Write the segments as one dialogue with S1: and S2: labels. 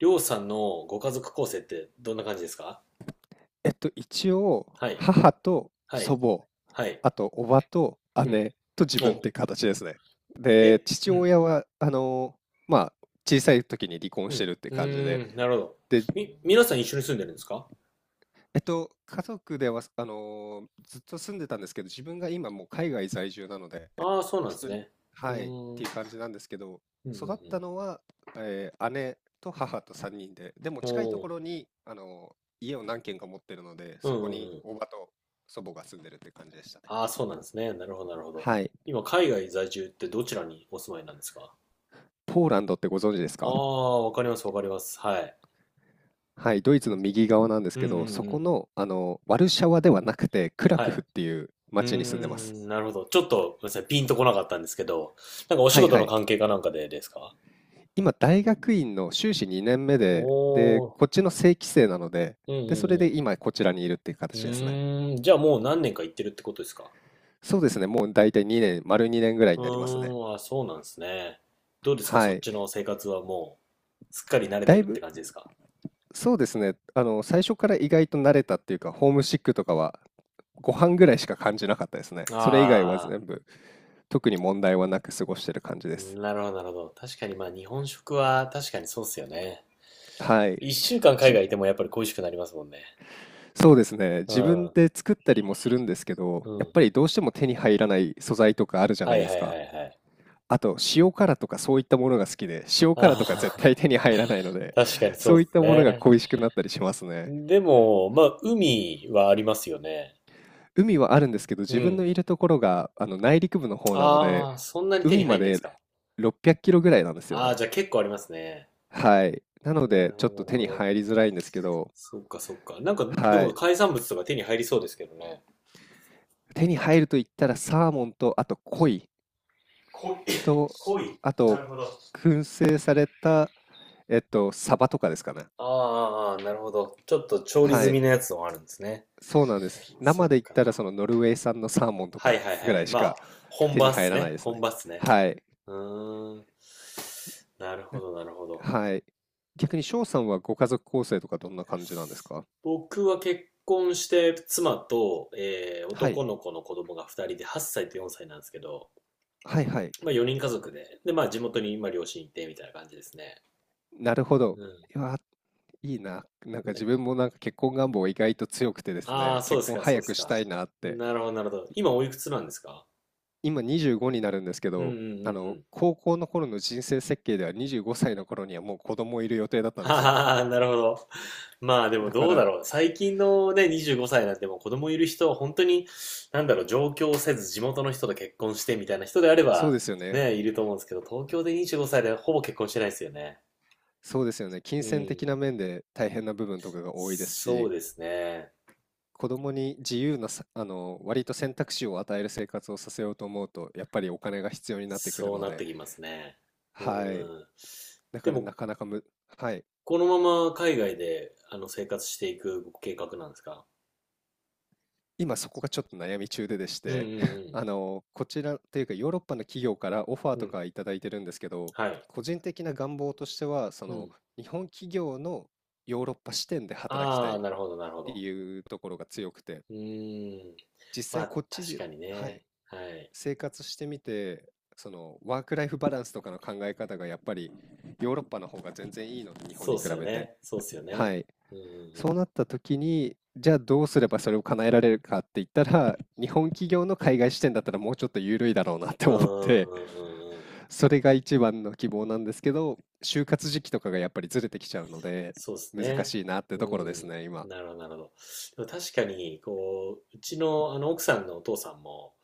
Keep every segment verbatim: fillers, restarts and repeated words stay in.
S1: りょうさんのご家族構成ってどんな感じですか？
S2: えっと、一応、
S1: はい、
S2: 母と
S1: はい、
S2: 祖母、
S1: はい。
S2: あと、叔母と
S1: うん。
S2: 姉と自分っ
S1: お、
S2: て形ですね。で、
S1: え、
S2: 父
S1: うん、
S2: 親は、あの、まあ、小さい時に離婚
S1: う
S2: して
S1: ん、
S2: るって
S1: う
S2: 感じで、
S1: ーん、なるほど。
S2: で、
S1: み、皆さん一緒に住んでるんですか？
S2: えっと、家族では、あの、ずっと住んでたんですけど、自分が今もう海外在住なので、
S1: ああー、そうなんで
S2: 一
S1: す
S2: 人、
S1: ね。うー
S2: はい、っ
S1: ん、うん、
S2: ていう感じなんですけど、
S1: うん、う
S2: 育っ
S1: ん。
S2: たのは、えー姉と母とさんにんで、でも
S1: お
S2: 近いとこ
S1: ー、
S2: ろに、あの、家を何軒か持ってるので、
S1: うん、
S2: そこ
S1: うん、
S2: に
S1: うん。
S2: 叔母と祖母が住んでるって感じでしたね。
S1: ああ、そうなんですね。なるほど、なるほど。
S2: はい。
S1: 今、海外在住ってどちらにお住まいなんですか？
S2: ポーランドってご存知です
S1: あ
S2: か？
S1: あ、わかります、わかります。はい。
S2: はい、ドイツの右側なんです
S1: うん、
S2: け
S1: う
S2: ど、
S1: ん、
S2: そ
S1: う
S2: こ
S1: ん。
S2: の、あの、ワルシャワではなくて、クラ
S1: は
S2: クフ
S1: い。
S2: っていう
S1: うー
S2: 町に住んでます。
S1: ん、なるほど。ちょっと、ごめんなさい、ピンとこなかったんですけど、なんかお
S2: は
S1: 仕
S2: い
S1: 事
S2: は
S1: の
S2: い。
S1: 関係かなんかでですか？
S2: 今、大学院の修士にねんめで、で、
S1: おー、
S2: こっちの正規生なので、
S1: うん
S2: で、それ
S1: う
S2: で
S1: ん
S2: 今、こちらにいるっていう
S1: うん。
S2: 形
S1: う
S2: ですね。
S1: ーん、じゃあもう何年か行ってるってことですか？
S2: そうですね、もう大体にねん、丸にねんぐらい
S1: う
S2: になりますね。
S1: ーん、あ、そうなんですね。どうですか、そ
S2: は
S1: っ
S2: い。
S1: ちの生活はもう、すっかり慣れ
S2: だ
S1: て
S2: い
S1: るって
S2: ぶ、
S1: 感じですか？
S2: そうですね、あの、最初から意外と慣れたっていうか、ホームシックとかはご飯ぐらいしか感じなかったですね。それ以外は
S1: ああ
S2: 全部、特に問題はなく過ごしてる感じで
S1: ー、
S2: す。
S1: なるほど、なるほど。確かにまあ日本食は確かにそうっすよね。
S2: はい。
S1: 一週間海
S2: じ、
S1: 外いてもやっぱり恋しくなりますもんね。
S2: そうですね、
S1: う
S2: 自分
S1: ん、
S2: で作ったりもするんですけど、
S1: う
S2: やっ
S1: ん。
S2: ぱりどうしても手に入らない素材とかあるじゃ
S1: は
S2: ない
S1: い
S2: で
S1: は
S2: す
S1: いは
S2: か。
S1: いはい。
S2: あと、塩辛とかそういったものが好きで、塩
S1: あ
S2: 辛とか絶対
S1: あ、
S2: 手に入らないの で、
S1: 確かにそ
S2: そ
S1: う
S2: うい
S1: っ
S2: った
S1: す
S2: ものが
S1: ね。
S2: 恋しくなったりしますね。
S1: でも、まあ海はありますよね。
S2: 海はあるんですけど、
S1: う
S2: 自分の
S1: ん。
S2: いるところが、あの、内陸部の方なので、
S1: ああ、そんなに手
S2: 海
S1: に入
S2: ま
S1: んないで
S2: で
S1: すか？
S2: ろっぴゃくキロぐらいなんですよ
S1: あ
S2: ね。
S1: あ、じゃあ結構ありますね。
S2: はい。なの
S1: な
S2: で、
S1: る
S2: ちょ
S1: ほど、
S2: っ
S1: な
S2: と
S1: る
S2: 手
S1: ほ
S2: に
S1: ど。
S2: 入りづらいんですけど、
S1: そっか、そっか。なんか、で
S2: は
S1: も
S2: い。
S1: 海産物とか手に入りそうですけどね。
S2: 手に入ると言ったら、サーモンと、あと、鯉
S1: 濃い。
S2: と、
S1: 濃い。
S2: あ
S1: な
S2: と、
S1: るほど。
S2: 燻製された、えっと、サバとかですかね。
S1: ああ、あーあなるほど。ちょっと調理
S2: は
S1: 済み
S2: い。
S1: のやつもあるんですね。
S2: そうなんです。
S1: そっ
S2: 生で言っ
S1: か。
S2: たら、その、ノルウェー産のサーモンと
S1: はい
S2: か
S1: はい
S2: ぐ
S1: は
S2: ら
S1: い。
S2: いし
S1: まあ、
S2: か
S1: 本
S2: 手
S1: 場
S2: に
S1: っ
S2: 入
S1: す
S2: らない
S1: ね。
S2: です
S1: 本
S2: ね。
S1: 場っすね。
S2: はい。
S1: うーん。なるほど、なるほど。
S2: はい。逆に翔さんはご家族構成とかどんな感じなんですか？
S1: 僕は結婚して妻と、えー
S2: はい。
S1: 男の子の子供がふたりではっさいとよんさいなんですけど、
S2: はいはい。
S1: まあよにん家族で、で、まあ地元に今両親いてみたいな感じですね。
S2: なるほど。
S1: う
S2: いや、いいな。なんか
S1: ん。
S2: 自
S1: ね、
S2: 分もなんか結婚願望意外と強くてです
S1: あ
S2: ね、
S1: あ、そうで
S2: 結
S1: す
S2: 婚
S1: か、そ
S2: 早
S1: うです
S2: くし
S1: か。
S2: たいなって、
S1: なるほど、なるほど。今おいくつなんですか？
S2: 今にじゅうごになるんですけ
S1: うんう
S2: ど、
S1: んうん
S2: あ
S1: う
S2: の、
S1: ん。
S2: 高校の頃の人生設計ではにじゅうごさいの頃にはもう子供いる予定だったんですよね。
S1: はあ、なるほど。まあでも
S2: だか
S1: どうだ
S2: ら、
S1: ろう。最近のね、にじゅうごさいなんてもう子供いる人は本当に、なんだろう、上京せず地元の人と結婚してみたいな人であれ
S2: そう
S1: ば、
S2: ですよね。
S1: ね、いると思うんですけど、東京でにじゅうごさいでほぼ結婚してないですよね。
S2: そうですよね。金
S1: う
S2: 銭的
S1: ん。
S2: な面で大変な部分とかが多いです
S1: そう
S2: し、
S1: ですね。
S2: 子供に自由なさ、あの、割と選択肢を与える生活をさせようと思うと、やっぱりお金が必要になってくる
S1: そう
S2: の
S1: なっ
S2: で、
S1: てきますね。うんう
S2: はい。
S1: ん。
S2: だ
S1: で
S2: からな
S1: も、
S2: かなかむ、はい。
S1: このまま海外で、あの、生活していく計画なんですか？
S2: 今そこがちょっと悩み中ででし
S1: うんう
S2: て、
S1: ん
S2: あの、こちらというかヨーロッパの企業からオファー
S1: うん。う
S2: と
S1: ん。
S2: かいただいてるんですけど、
S1: はい。
S2: 個人的な願望としては、そ
S1: う
S2: の、
S1: ん。
S2: 日本企業のヨーロッパ支店で働きた
S1: ああ、
S2: いっ
S1: なるほど、なるほ
S2: て
S1: ど。
S2: いうところが強くて、
S1: うーん。
S2: 実
S1: ま
S2: 際
S1: あ、
S2: こっち
S1: 確
S2: で、
S1: かに
S2: はい。
S1: ね。はい。
S2: 生活してみて、そのワークライフバランスとかの考え方がやっぱりヨーロッパの方が全然いいので、日本
S1: そうっ
S2: に比
S1: すよ
S2: べて。
S1: ね。そうっすよ
S2: は
S1: ね。
S2: い。
S1: うんうんう
S2: そう
S1: ん。
S2: なった時に、じゃあどうすればそれを叶えられるかって言ったら、日本企業の海外支店だったらもうちょっと緩いだろうなっ
S1: う
S2: て思っ
S1: ん
S2: て、
S1: うんうんうんうん。
S2: それが一番の希望なんですけど、就活時期とかがやっぱりずれてきちゃうので、
S1: そうです
S2: 難
S1: ね。
S2: しいなって
S1: う
S2: ところです
S1: ん。
S2: ね、今。
S1: なるほど、なるほど。でも確かに、こう、うちの、あの、奥さんのお父さんも、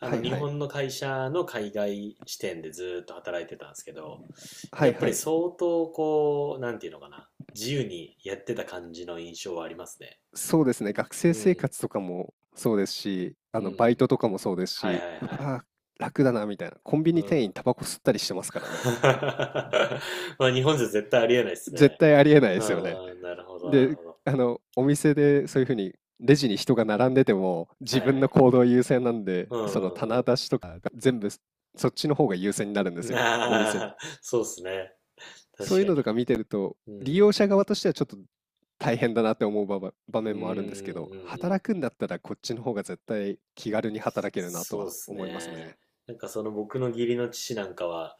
S1: あ
S2: は
S1: の、
S2: い
S1: 日
S2: はい。
S1: 本の会社の海外支店でずっと働いてたんですけど、
S2: は
S1: や
S2: い
S1: っぱ
S2: は
S1: り
S2: い。
S1: 相当、こう、なんていうのかな、自由にやってた感じの印象はありますね。
S2: そうですね、学
S1: う
S2: 生生
S1: ん、
S2: 活とかもそうですし、
S1: う
S2: あの、バイ
S1: ん。
S2: トとかもそうです
S1: はいはい
S2: し、う
S1: はい。
S2: わー、楽だなみたいな。コンビ
S1: う
S2: ニ店員
S1: ん。
S2: タバコ吸ったりしてますから ね。
S1: まあ、日本じゃ絶対ありえないです
S2: 絶
S1: ね。
S2: 対ありえないで
S1: う
S2: すよね。
S1: ん、なるほど、なる
S2: で、
S1: ほど。
S2: あの、お店でそういう風にレジに人が並んでても、
S1: は
S2: 自
S1: いは
S2: 分の
S1: い。
S2: 行動優先なんで、
S1: う
S2: その
S1: んうん
S2: 棚
S1: うん。
S2: 出しとかが全部そっちの方が優先になるん
S1: な
S2: ですよ、お店の
S1: あ、そうっすね。
S2: そ
S1: 確
S2: ういう
S1: か
S2: のと
S1: に。
S2: か見てると、
S1: う
S2: 利
S1: ん。
S2: 用者側としてはちょっと大変だなって思う場ば場
S1: うんう
S2: 面もあるんですけど、
S1: んうんうん。
S2: 働くんだったらこっちの方が絶対気軽に働けるなと
S1: そうっ
S2: は
S1: す
S2: 思います
S1: ね。
S2: ね。
S1: なんかその僕の義理の父なんかは、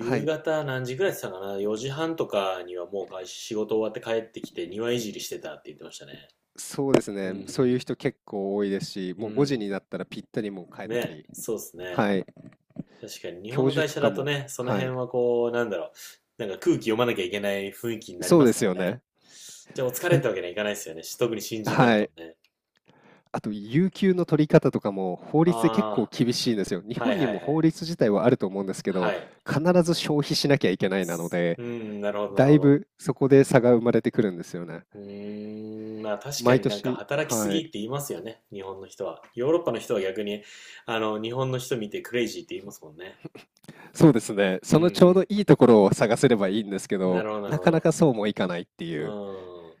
S2: はい、
S1: 方何時ぐらいって言ってたかな？ よ 時半とかにはもう会仕事終わって帰ってきて庭いじりしてたって言ってましたね。
S2: そうです
S1: うんう
S2: ね。そういう
S1: ん。
S2: 人結構多いですし、
S1: う
S2: もうごじ
S1: ん。
S2: になったらぴったりもう帰った
S1: ね、
S2: り、
S1: そうっすね。
S2: はい、
S1: 確かに日本
S2: 教
S1: の
S2: 授
S1: 会
S2: と
S1: 社
S2: か
S1: だと
S2: も、
S1: ね、その
S2: は
S1: 辺
S2: い、
S1: はこう、なんだろう。なんか空気読まなきゃいけない雰囲気になり
S2: そ
S1: ま
S2: うで
S1: すか
S2: す
S1: ら
S2: よ
S1: ね。
S2: ね。
S1: じゃあお疲れ
S2: な
S1: ってわけにはいかないですよね。特に新人なん
S2: は
S1: か
S2: い。
S1: もね。
S2: あと、有給の取り方とかも法律で結構
S1: ああ。
S2: 厳しいんですよ。日
S1: は
S2: 本
S1: い
S2: に
S1: は
S2: も
S1: いは
S2: 法
S1: い。
S2: 律自体はあると思うんですけ
S1: は
S2: ど、
S1: い。
S2: 必ず消費しなきゃいけないなので、
S1: うーん、なるほどな
S2: だ
S1: るほ
S2: い
S1: ど。
S2: ぶそこで差が生まれてくるんですよね。
S1: うーん、まあ確か
S2: 毎
S1: になんか
S2: 年、
S1: 働きす
S2: は
S1: ぎって
S2: い。
S1: 言いますよね、日本の人は。ヨーロッパの人は逆に、あの、日本の人見てクレイジーって言いますもんね。
S2: そうですね。
S1: う
S2: そのちょうど
S1: ん
S2: いいところを探せればいいんですけ
S1: うん。な
S2: ど、
S1: るほどなる
S2: な
S1: ほ
S2: かな
S1: ど。
S2: かそうもいかないって
S1: う
S2: いう、
S1: ん。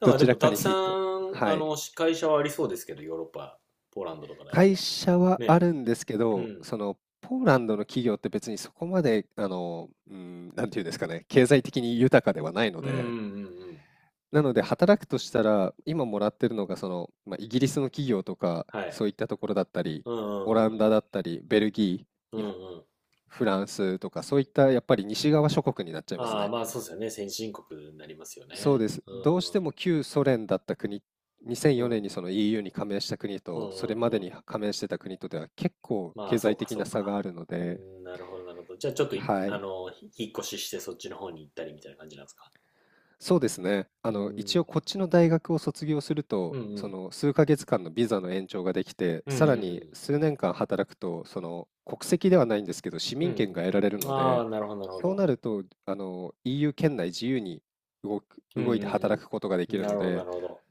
S1: だか
S2: ど
S1: らで
S2: ちら
S1: も
S2: か
S1: たく
S2: にフ
S1: さ
S2: ィット。
S1: ん、
S2: は
S1: あ
S2: い。
S1: の、会社はありそうですけど、ヨーロッパ、ポーランドとかであれ
S2: 会
S1: ば。
S2: 社はあ
S1: ね。
S2: るんですけ
S1: う
S2: ど、
S1: ん。
S2: その、ポーランドの企業って別にそこまで、あの、うん、なんていうんですかね、経済的に豊かではないの
S1: うんう
S2: で、
S1: んうんうん。
S2: なので働くとしたら、今もらってるのが、その、まあ、イギリスの企業とか、
S1: はい。
S2: そういったところだったり、
S1: うんう
S2: オラ
S1: ん
S2: ン
S1: うん
S2: ダ
S1: うん。
S2: だったり、ベルギー、
S1: うん
S2: 日
S1: う
S2: 本
S1: ん。
S2: フランスとかそういったやっぱり西側諸国になっちゃいます
S1: ああ、
S2: ね。
S1: まあそうですよね。先進国になりますよ
S2: そう
S1: ね。
S2: です。
S1: う
S2: どうして
S1: ん。
S2: も旧ソ連だった国、2004
S1: う
S2: 年
S1: ん。
S2: にその イーユー に加盟した国
S1: うんう
S2: と、それ
S1: ん
S2: まで
S1: うん。
S2: に加盟してた国とでは結構
S1: まあ、
S2: 経
S1: そう
S2: 済
S1: か
S2: 的
S1: そ
S2: な
S1: う
S2: 差が
S1: か。
S2: あるの
S1: う
S2: で、
S1: ん、なるほどなるほど。じゃあちょっとい、
S2: は
S1: あ
S2: い。
S1: の、ひ引っ越ししてそっちの方に行ったりみたいな感じなんですか？
S2: そうですね。あ
S1: う
S2: の、一
S1: ん。
S2: 応こっちの大学を卒業する
S1: う
S2: と、
S1: んう
S2: そ
S1: ん。
S2: の数ヶ月間のビザの延長ができて、
S1: うんう
S2: さらに
S1: ん
S2: 数年間働くと、その国籍ではないんですけど、市
S1: うん。
S2: 民
S1: う
S2: 権が
S1: ん
S2: 得られる
S1: うん。
S2: の
S1: ああ、
S2: で、
S1: なるほどなるほ
S2: そう
S1: ど。
S2: なると、あの、イーユー 圏内自由に動く、
S1: うんう
S2: 動いて働
S1: ん
S2: くことがで
S1: う
S2: き
S1: ん。
S2: る
S1: な
S2: の
S1: るほどな
S2: で、
S1: るほど。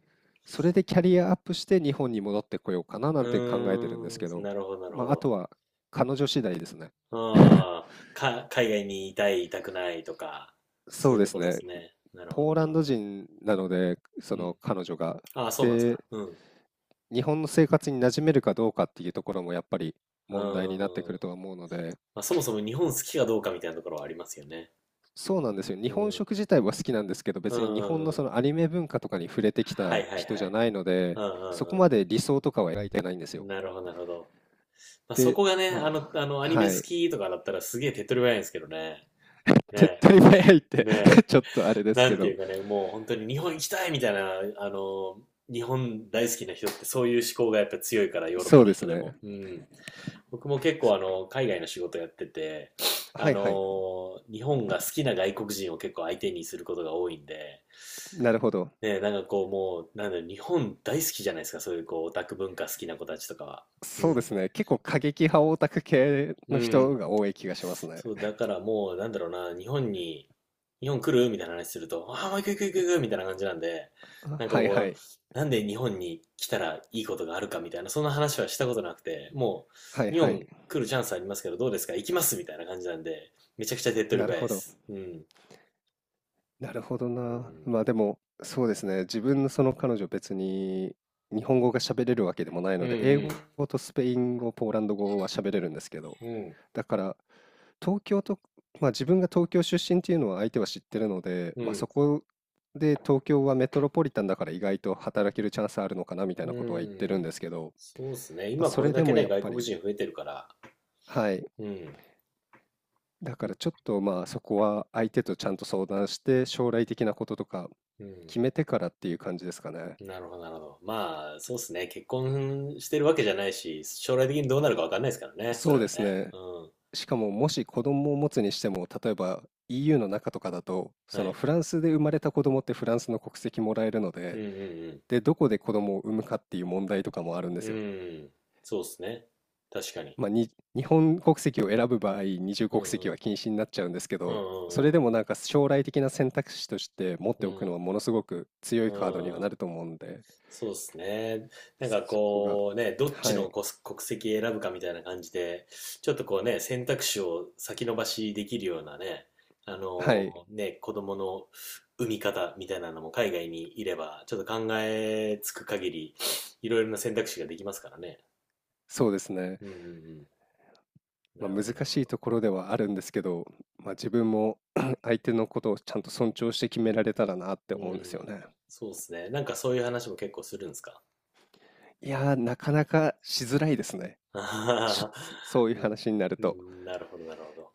S2: それでキャリアアップして日本に戻ってこようかななんて考
S1: う
S2: えてるんですけ
S1: ーん、
S2: ど、
S1: なるほどなる
S2: ま
S1: ほ
S2: あ、あ
S1: ど。
S2: とは彼女次第ですね。
S1: ああ、か、海外にいたい、いたくないとか、そ
S2: そ
S1: う
S2: う
S1: いう
S2: で
S1: と
S2: す
S1: ころで
S2: ね。
S1: すね。なるほ
S2: ポ
S1: ど
S2: ー
S1: な
S2: ラ
S1: る
S2: ン
S1: ほ
S2: ド
S1: ど。
S2: 人なので、
S1: う
S2: その
S1: ん。
S2: 彼女が。
S1: ああ、そうなんですか？
S2: で、
S1: うん。う
S2: 日本の生活に馴染めるかどうかっていうところもやっぱり
S1: ー
S2: 問題になってく
S1: ん。ま
S2: るとは思うので、
S1: あ、そもそも日本好きかどうかみたいなところはありますよね。
S2: そうなんですよ。日
S1: う
S2: 本
S1: ん。
S2: 食自体は好きなんですけど、
S1: う
S2: 別
S1: んう
S2: に日本の
S1: んう
S2: そ
S1: ん。
S2: のアニメ文化とかに触れてき
S1: はい
S2: た
S1: はい
S2: 人
S1: は
S2: じゃ
S1: い。
S2: ないので、
S1: うんうん
S2: そこ
S1: う
S2: まで
S1: ん
S2: 理想とかは描いてないんです
S1: うん。
S2: よ。
S1: なるほどなるほど。まあ、そ
S2: で、
S1: こがね、あ
S2: ま
S1: の、
S2: あ、
S1: あの、アニメ
S2: は
S1: 好
S2: い。
S1: きとかだったらすげえ手っ取り早いんですけどね。
S2: 手っ
S1: ね
S2: 取り早 いっ
S1: え、
S2: て
S1: ねえ。
S2: ちょっとあれです
S1: な
S2: け
S1: んてい
S2: ど、
S1: うかね、もう本当に日本行きたいみたいな、あの、日本大好きな人ってそういう思考がやっぱ強いから、ヨーロッ
S2: そ
S1: パ
S2: う
S1: の
S2: です
S1: 人でも。
S2: ね。
S1: うん。僕も結構あの、海外の仕事やってて、あ
S2: はいはい。
S1: の、日本が好きな外国人を結構相手にすることが多いんで、
S2: なるほど。
S1: ね、なんかこうもう、なんだろう、日本大好きじゃないですか、そういうこうオタク文化好きな子たちとかは。う
S2: そうで
S1: ん。
S2: すね。結構過激派オタク系
S1: う
S2: の人
S1: ん。
S2: が多い気がしますね。
S1: そう、だからもう、なんだろうな、日本に、日本来るみたいな話すると、ああ、もう行く行く行く行くみたいな感じなんで、なんか
S2: はい
S1: こ
S2: は
S1: う、
S2: い。
S1: なんで日本に来たらいいことがあるかみたいな、そんな話はしたことなくて、も
S2: はい
S1: う、日
S2: はい。
S1: 本来るチャンスありますけど、どうですか行きますみたいな感じなんで、めちゃくちゃ手っ取
S2: な
S1: り
S2: る
S1: 早い
S2: ほ
S1: で
S2: ど。
S1: す。うん。
S2: なるほど
S1: うん。
S2: な。まあでも、そうですね。自分のその彼女別に日本語が喋れるわけでもない
S1: う
S2: の
S1: んう
S2: で、英
S1: ん。
S2: 語とスペイン語、ポーランド語は喋れるんですけど、
S1: うん。
S2: だから東京と、まあ自分が東京出身っていうのは相手は知ってるので、
S1: う
S2: まあ
S1: ん。
S2: そこで東京はメトロポリタンだから意外と働けるチャンスあるのかなみた
S1: う
S2: いなことは言ってるん
S1: ん。
S2: ですけど、
S1: そうですね。
S2: まあ
S1: 今
S2: そ
S1: これ
S2: れ
S1: だ
S2: で
S1: け
S2: も
S1: ね、
S2: やっ
S1: 外
S2: ぱ
S1: 国
S2: り、
S1: 人増えてるから。
S2: はい、
S1: うん。
S2: だからちょっとまあそこは相手とちゃんと相談して将来的なこととか
S1: うん。
S2: 決めてからっていう感じですかね。
S1: なるほど、なるほど。まあ、そうですね。結婚してるわけじゃないし、将来的にどうなるかわかんないですからね。そ
S2: そ
S1: れ
S2: うで
S1: は
S2: す
S1: ね。
S2: ね。
S1: うん。
S2: しかももし子供を持つにしても例えば イーユー の中とかだとそ
S1: は
S2: の
S1: い。
S2: フランスで生まれた子供ってフランスの国籍もらえるの
S1: うん
S2: で、
S1: うん
S2: でどこで子供を産むかっていう問題とかもあるんで
S1: うん。
S2: す
S1: う
S2: よ。
S1: ん。そうですね。確かに。
S2: まあ、に日本国籍を選ぶ場合二重
S1: うんう
S2: 国籍は
S1: ん。
S2: 禁止になっちゃうんですけ
S1: う
S2: どそれで
S1: んう
S2: も
S1: ん
S2: なんか将来的な選択肢として持っ
S1: う
S2: て
S1: んう
S2: おくの
S1: ん。
S2: はものすごく強
S1: う
S2: いカードには
S1: ん。う
S2: な
S1: ん。
S2: ると思うんで
S1: そうですね。なんか
S2: そこが、
S1: こうね、どっち
S2: はい、
S1: の国国籍選ぶかみたいな感じで、ちょっとこうね、選択肢を先延ばしできるようなね、あ
S2: はい、
S1: のね、子供の産み方みたいなのも海外にいれば、ちょっと考えつく限り、いろいろな選択肢ができますからね。
S2: そうですね。
S1: うんうんうん。
S2: ま
S1: な
S2: あ、
S1: るほ
S2: 難
S1: ど、なるほ
S2: しい
S1: ど。
S2: ところではあるんですけど、まあ、自分も 相手のことをちゃんと尊重して決められたらなって
S1: う
S2: 思うんですよ
S1: ん。
S2: ね。
S1: そうですね。なんかそういう話も結構するんですか？
S2: いやー、なかなかしづらいですね。
S1: あはは
S2: し
S1: は
S2: そう いう
S1: う
S2: 話になると。
S1: ん、なるほど、なるほど。